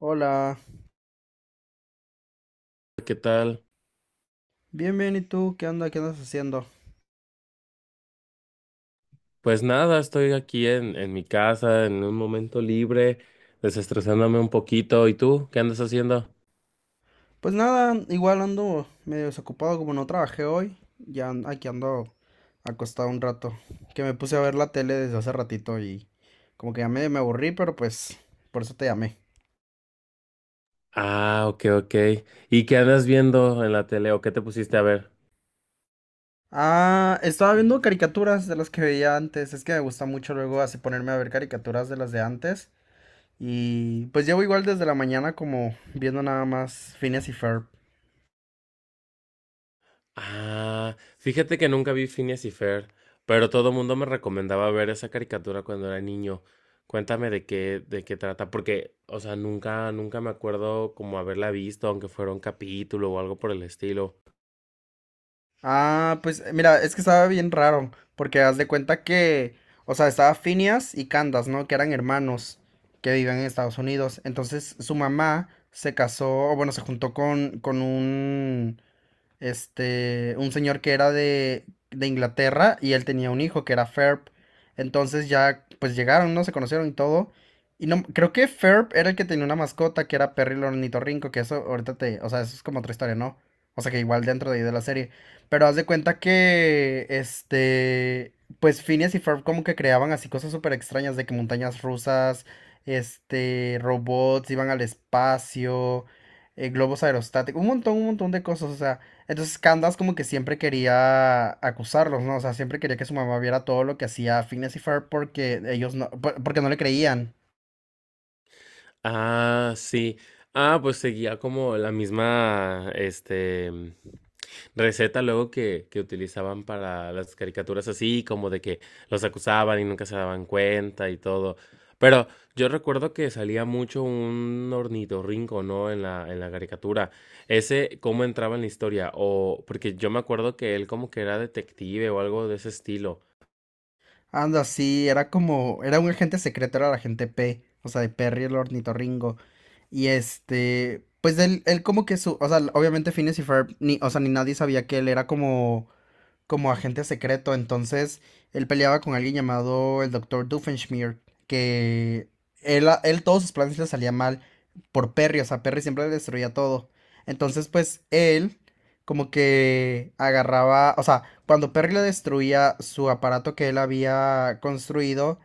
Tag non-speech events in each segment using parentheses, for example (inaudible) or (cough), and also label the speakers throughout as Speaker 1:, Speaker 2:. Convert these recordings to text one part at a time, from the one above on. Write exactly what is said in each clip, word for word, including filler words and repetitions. Speaker 1: Hola,
Speaker 2: ¿Qué tal?
Speaker 1: bien, bien, ¿y tú? ¿Qué onda? ¿Qué andas haciendo?
Speaker 2: Pues nada, estoy aquí en, en mi casa, en un momento libre, desestresándome un poquito. ¿Y tú? ¿Qué andas haciendo?
Speaker 1: Pues nada, igual ando medio desocupado como no trabajé hoy, ya an- aquí ando acostado un rato, que me puse a ver la tele desde hace ratito y como que ya medio me aburrí, pero pues por eso te llamé.
Speaker 2: Ah, ok, ok. ¿Y qué andas viendo en la tele o qué te pusiste a ver?
Speaker 1: Ah, estaba viendo caricaturas de las que veía antes, es que me gusta mucho luego así ponerme a ver caricaturas de las de antes y pues llevo igual desde la mañana como viendo nada más Phineas y Ferb.
Speaker 2: Ah, fíjate que nunca vi Phineas y Fer, pero todo mundo me recomendaba ver esa caricatura cuando era niño. Cuéntame de qué, de qué trata, porque, o sea, nunca, nunca me acuerdo como haberla visto, aunque fuera un capítulo o algo por el estilo.
Speaker 1: Ah, pues eh, mira, es que estaba bien raro, porque haz de cuenta que, o sea, estaba Phineas y Candace, ¿no? Que eran hermanos que vivían en Estados Unidos. Entonces su mamá se casó, o bueno, se juntó con, con un, este, un señor que era de, de Inglaterra y él tenía un hijo que era Ferb. Entonces ya, pues llegaron, ¿no? Se conocieron y todo. Y no, creo que Ferb era el que tenía una mascota que era Perry el ornitorrinco, que eso ahorita te, o sea, eso es como otra historia, ¿no? O sea, que igual dentro de, ahí de la serie. Pero haz de cuenta que, este, pues Phineas y Ferb como que creaban así cosas súper extrañas de que montañas rusas, este, robots iban al espacio, eh, globos aerostáticos, un montón, un montón de cosas, o sea. Entonces Candace como que siempre quería acusarlos, ¿no? O sea, siempre quería que su mamá viera todo lo que hacía Phineas y Ferb porque ellos no, por- porque no le creían.
Speaker 2: Ah, sí. Ah, pues seguía como la misma, este, mm, receta luego que, que utilizaban para las caricaturas así, como de que los acusaban y nunca se daban cuenta y todo. Pero yo recuerdo que salía mucho un ornitorrinco, ¿no? En la, en la caricatura. Ese, ¿cómo entraba en la historia? O, porque yo me acuerdo que él como que era detective o algo de ese estilo.
Speaker 1: Anda, sí, era como, era un agente secreto, era el agente P, o sea, de Perry el ornitorrinco. Y este, pues él, él como que su, o sea, obviamente Phineas y Ferb, ni, o sea, ni nadie sabía que él era como como agente secreto. Entonces, él peleaba con alguien llamado el Doctor Doofenshmirtz, que él, él todos sus planes le salían mal por Perry, o sea, Perry siempre le destruía todo. Entonces, pues él como que agarraba, o sea, cuando Perry le destruía su aparato que él había construido,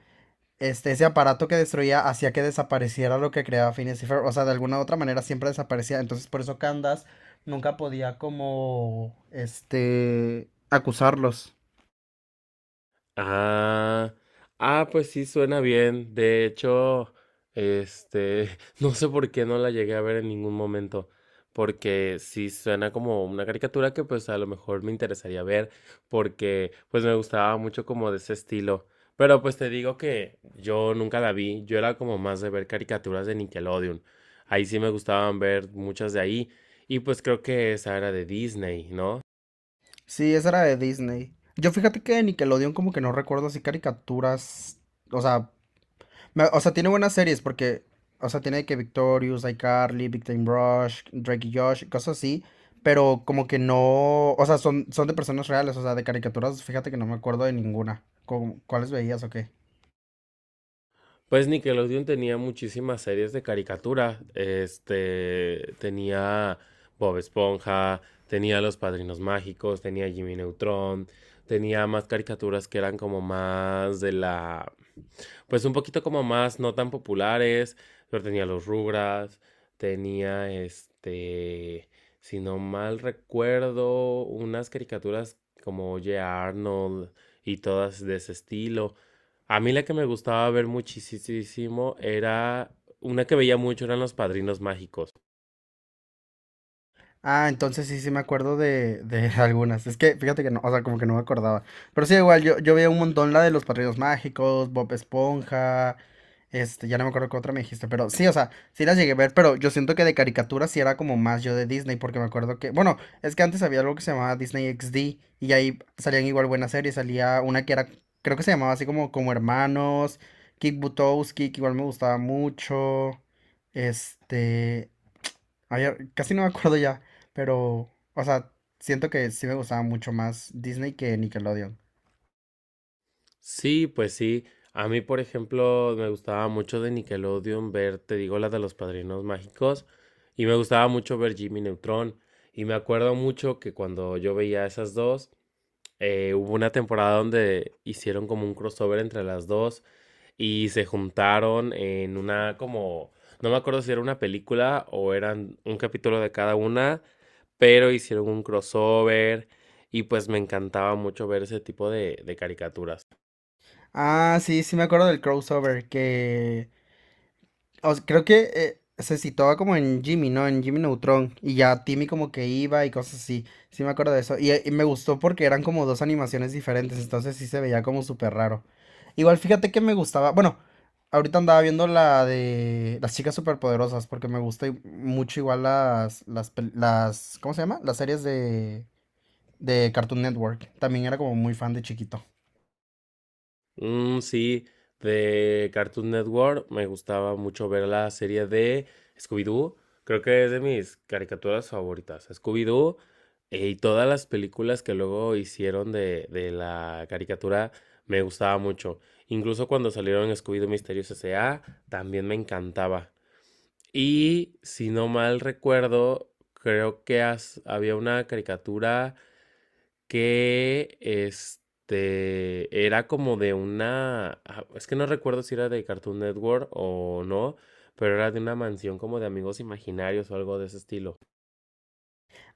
Speaker 1: este, ese aparato que destruía hacía que desapareciera lo que creaba Phineas y Ferb. O sea, de alguna u otra manera siempre desaparecía. Entonces, por eso Candace nunca podía como, este, acusarlos.
Speaker 2: Ah, ah, pues sí, suena bien. De hecho, este, (laughs) no sé por qué no la llegué a ver en ningún momento, porque sí suena como una caricatura que pues a lo mejor me interesaría ver, porque pues me gustaba mucho como de ese estilo. Pero pues te digo que yo nunca la vi, yo era como más de ver caricaturas de Nickelodeon. Ahí sí me gustaban ver muchas de ahí, y pues creo que esa era de Disney, ¿no?
Speaker 1: Sí, esa era de Disney. Yo fíjate que de Nickelodeon como que no recuerdo así caricaturas, o sea, Me- O sea, tiene buenas series porque, o sea, tiene que Victorious, iCarly, Big Time Rush, Drake y Josh, cosas así, pero como que no, o sea, son, son de personas reales, o sea, de caricaturas, fíjate que no me acuerdo de ninguna. ¿Cómo- ¿Cuáles veías o qué?
Speaker 2: Pues Nickelodeon tenía muchísimas series de caricatura. Este tenía Bob Esponja, tenía Los Padrinos Mágicos, tenía Jimmy Neutron, tenía más caricaturas que eran como más de la, pues un poquito como más no tan populares, pero tenía los Rugrats, tenía este, si no mal recuerdo, unas caricaturas como Oye Arnold y todas de ese estilo. A mí la que me gustaba ver muchísimo era una que veía mucho eran los Padrinos Mágicos.
Speaker 1: Ah, entonces sí, sí me acuerdo de, de (laughs) algunas. Es que fíjate que no, o sea, como que no me acordaba. Pero sí, igual, yo, yo veía un montón la de los Padrinos Mágicos, Bob Esponja, este, ya no me acuerdo qué otra me dijiste, pero sí, o sea, sí las llegué a ver, pero yo siento que de caricaturas sí era como más yo de Disney, porque me acuerdo que, bueno, es que antes había algo que se llamaba Disney X D y ahí salían igual buenas series, salía una que era, creo que se llamaba así como Como Hermanos, Kick Butowski, que igual me gustaba mucho, este... Ay, ya- casi no me acuerdo ya. Pero, o sea, siento que sí me gustaba mucho más Disney que Nickelodeon.
Speaker 2: Sí, pues sí. A mí, por ejemplo, me gustaba mucho de Nickelodeon ver, te digo, la de los Padrinos Mágicos, y me gustaba mucho ver Jimmy Neutron. Y me acuerdo mucho que cuando yo veía esas dos, eh, hubo una temporada donde hicieron como un crossover entre las dos y se juntaron en una como, no me acuerdo si era una película o eran un capítulo de cada una, pero hicieron un crossover y pues me encantaba mucho ver ese tipo de de caricaturas.
Speaker 1: Ah, sí, sí me acuerdo del crossover que o sea, creo que eh, se situaba como en Jimmy, ¿no? En Jimmy Neutron y ya Timmy como que iba y cosas así. Sí me acuerdo de eso y, eh, y me gustó porque eran como dos animaciones diferentes, entonces sí se veía como súper raro. Igual fíjate que me gustaba, bueno, ahorita andaba viendo la de las chicas superpoderosas porque me gusta i- mucho igual las las pel- las, ¿cómo se llama? Las series de de Cartoon Network. También era como muy fan de chiquito.
Speaker 2: Mm, sí, de Cartoon Network me gustaba mucho ver la serie de Scooby-Doo. Creo que es de mis caricaturas favoritas. Scooby-Doo, eh, y todas las películas que luego hicieron de, de la caricatura me gustaba mucho. Incluso cuando salieron Scooby-Doo Misterios S A también me encantaba. Y si no mal recuerdo, creo que has- había una caricatura que este era como de una, ah, es que no recuerdo si era de Cartoon Network o no, pero era de una mansión como de amigos imaginarios o algo de ese estilo.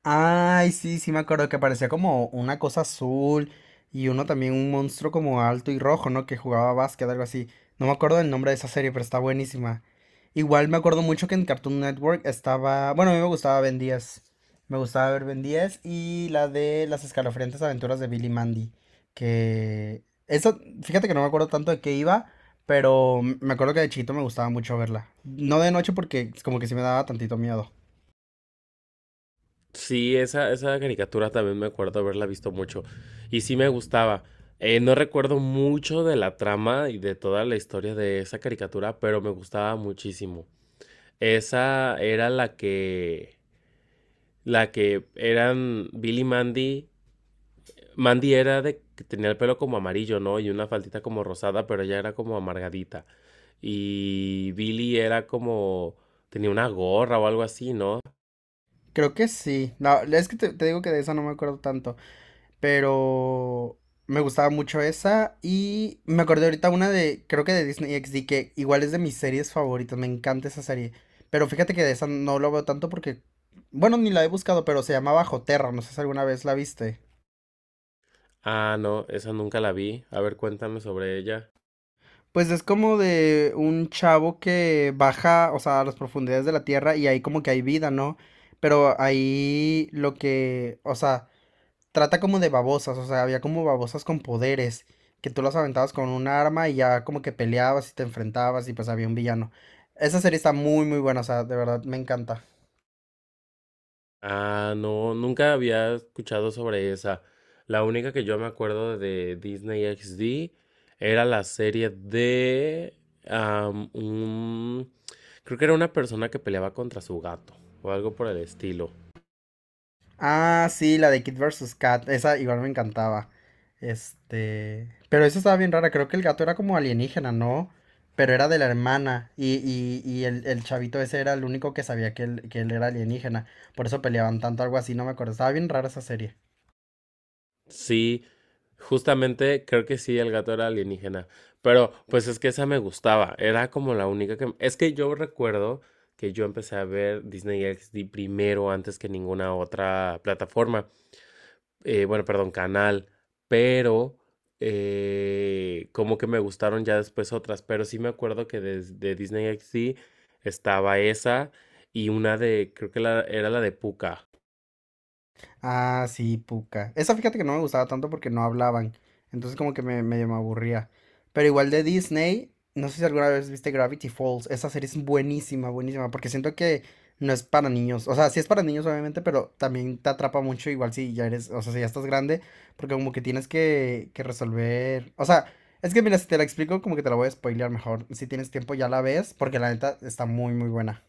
Speaker 1: Ay, sí, sí me acuerdo que parecía como una cosa azul y uno también un monstruo como alto y rojo, ¿no? Que jugaba básquet, algo así. No me acuerdo del nombre de esa serie, pero está buenísima. Igual me acuerdo mucho que en Cartoon Network estaba, bueno, a mí me gustaba Ben diez. Me gustaba ver Ben diez y la de las escalofriantes aventuras de Billy y Mandy, que eso, fíjate que no me acuerdo tanto de qué iba, pero me acuerdo que de chiquito me gustaba mucho verla. No de noche porque como que sí me daba tantito miedo.
Speaker 2: Sí, esa, esa caricatura también me acuerdo haberla visto mucho y sí me gustaba. Eh, no recuerdo mucho de la trama y de toda la historia de esa caricatura, pero me gustaba muchísimo. Esa era la que, la que eran Billy y Mandy. Mandy era de que tenía el pelo como amarillo, ¿no? Y una faldita como rosada, pero ella era como amargadita. Y Billy era como tenía una gorra o algo así, ¿no?
Speaker 1: Creo que sí. No, es que te, te digo que de esa no me acuerdo tanto, pero me gustaba mucho esa y me acordé ahorita una de, creo que de Disney X D, que igual es de mis series favoritas, me encanta esa serie. Pero fíjate que de esa no lo veo tanto porque, bueno, ni la he buscado, pero se llamaba Bajo Terra, no sé si alguna vez la viste.
Speaker 2: Ah, no, esa nunca la vi. A ver, cuéntame sobre ella.
Speaker 1: Pues es como de un chavo que baja, o sea, a las profundidades de la tierra y ahí como que hay vida, ¿no? Pero ahí lo que, o sea, trata como de babosas, o sea, había como babosas con poderes, que tú las aventabas con un arma y ya como que peleabas y te enfrentabas y pues había un villano. Esa serie está muy muy buena, o sea, de verdad me encanta.
Speaker 2: Ah, no, nunca había escuchado sobre esa. La única que yo me acuerdo de Disney X D era la serie de am, un- Creo que era una persona que peleaba contra su gato o algo por el estilo.
Speaker 1: Ah, sí, la de Kid versus Cat, esa igual me encantaba. Este, pero esa estaba bien rara, creo que el gato era como alienígena, ¿no? Pero era de la hermana y, y- y el, el chavito ese era el único que sabía que él, que él era alienígena. Por eso peleaban tanto, algo así, no me acuerdo. Estaba bien rara esa serie.
Speaker 2: Sí, justamente creo que sí, el gato era alienígena. Pero pues es que esa me gustaba. Era como la única que... Es que yo recuerdo que yo empecé a ver Disney X D primero antes que ninguna otra plataforma. Eh, bueno, perdón, canal. Pero eh, como que me gustaron ya después otras. Pero sí me acuerdo que des- de, Disney X D estaba esa y una de... Creo que la- era la de Pucca.
Speaker 1: Ah, sí, Pucca. Esa fíjate que no me gustaba tanto porque no hablaban. Entonces como que me, medio me aburría. Pero igual de Disney, no sé si alguna vez viste Gravity Falls. Esa serie es buenísima, buenísima. Porque siento que no es para niños. O sea, sí es para niños obviamente, pero también te atrapa mucho igual si ya eres, o sea, si ya estás grande. Porque como que tienes que, que resolver. O sea, es que mira, si te la explico como que te la voy a spoilear mejor. Si tienes tiempo ya la ves porque la neta está muy, muy buena.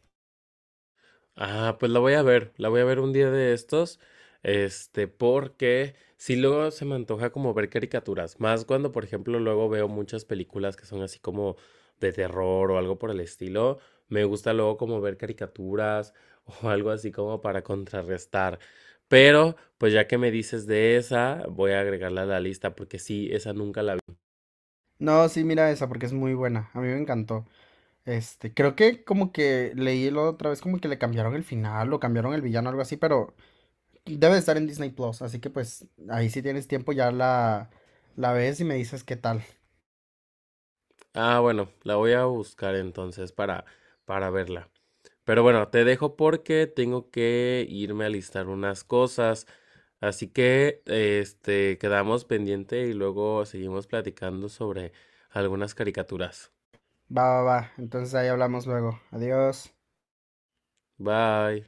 Speaker 2: Ah, pues la voy a ver, la voy a ver un día de estos, este, porque si luego se me antoja como ver caricaturas, más cuando, por ejemplo, luego veo muchas películas que son así como de terror o algo por el estilo, me gusta luego como ver caricaturas (laughs) o algo así como para contrarrestar. Pero, pues ya que me dices de esa, voy a agregarla a la lista porque sí, esa nunca la vi.
Speaker 1: No, sí, mira esa porque es muy buena. A mí me encantó. Este, creo que como que leí la otra vez como que le cambiaron el final o cambiaron el villano, algo así, pero debe de estar en Disney Plus, así que pues ahí si tienes tiempo ya la, la ves y me dices qué tal.
Speaker 2: Ah, bueno, la voy a buscar entonces para, para verla. Pero bueno, te dejo porque tengo que irme a listar unas cosas. Así que, este, quedamos pendiente y luego seguimos platicando sobre algunas caricaturas.
Speaker 1: Va, va, va. Entonces ahí hablamos luego. Adiós.
Speaker 2: Bye.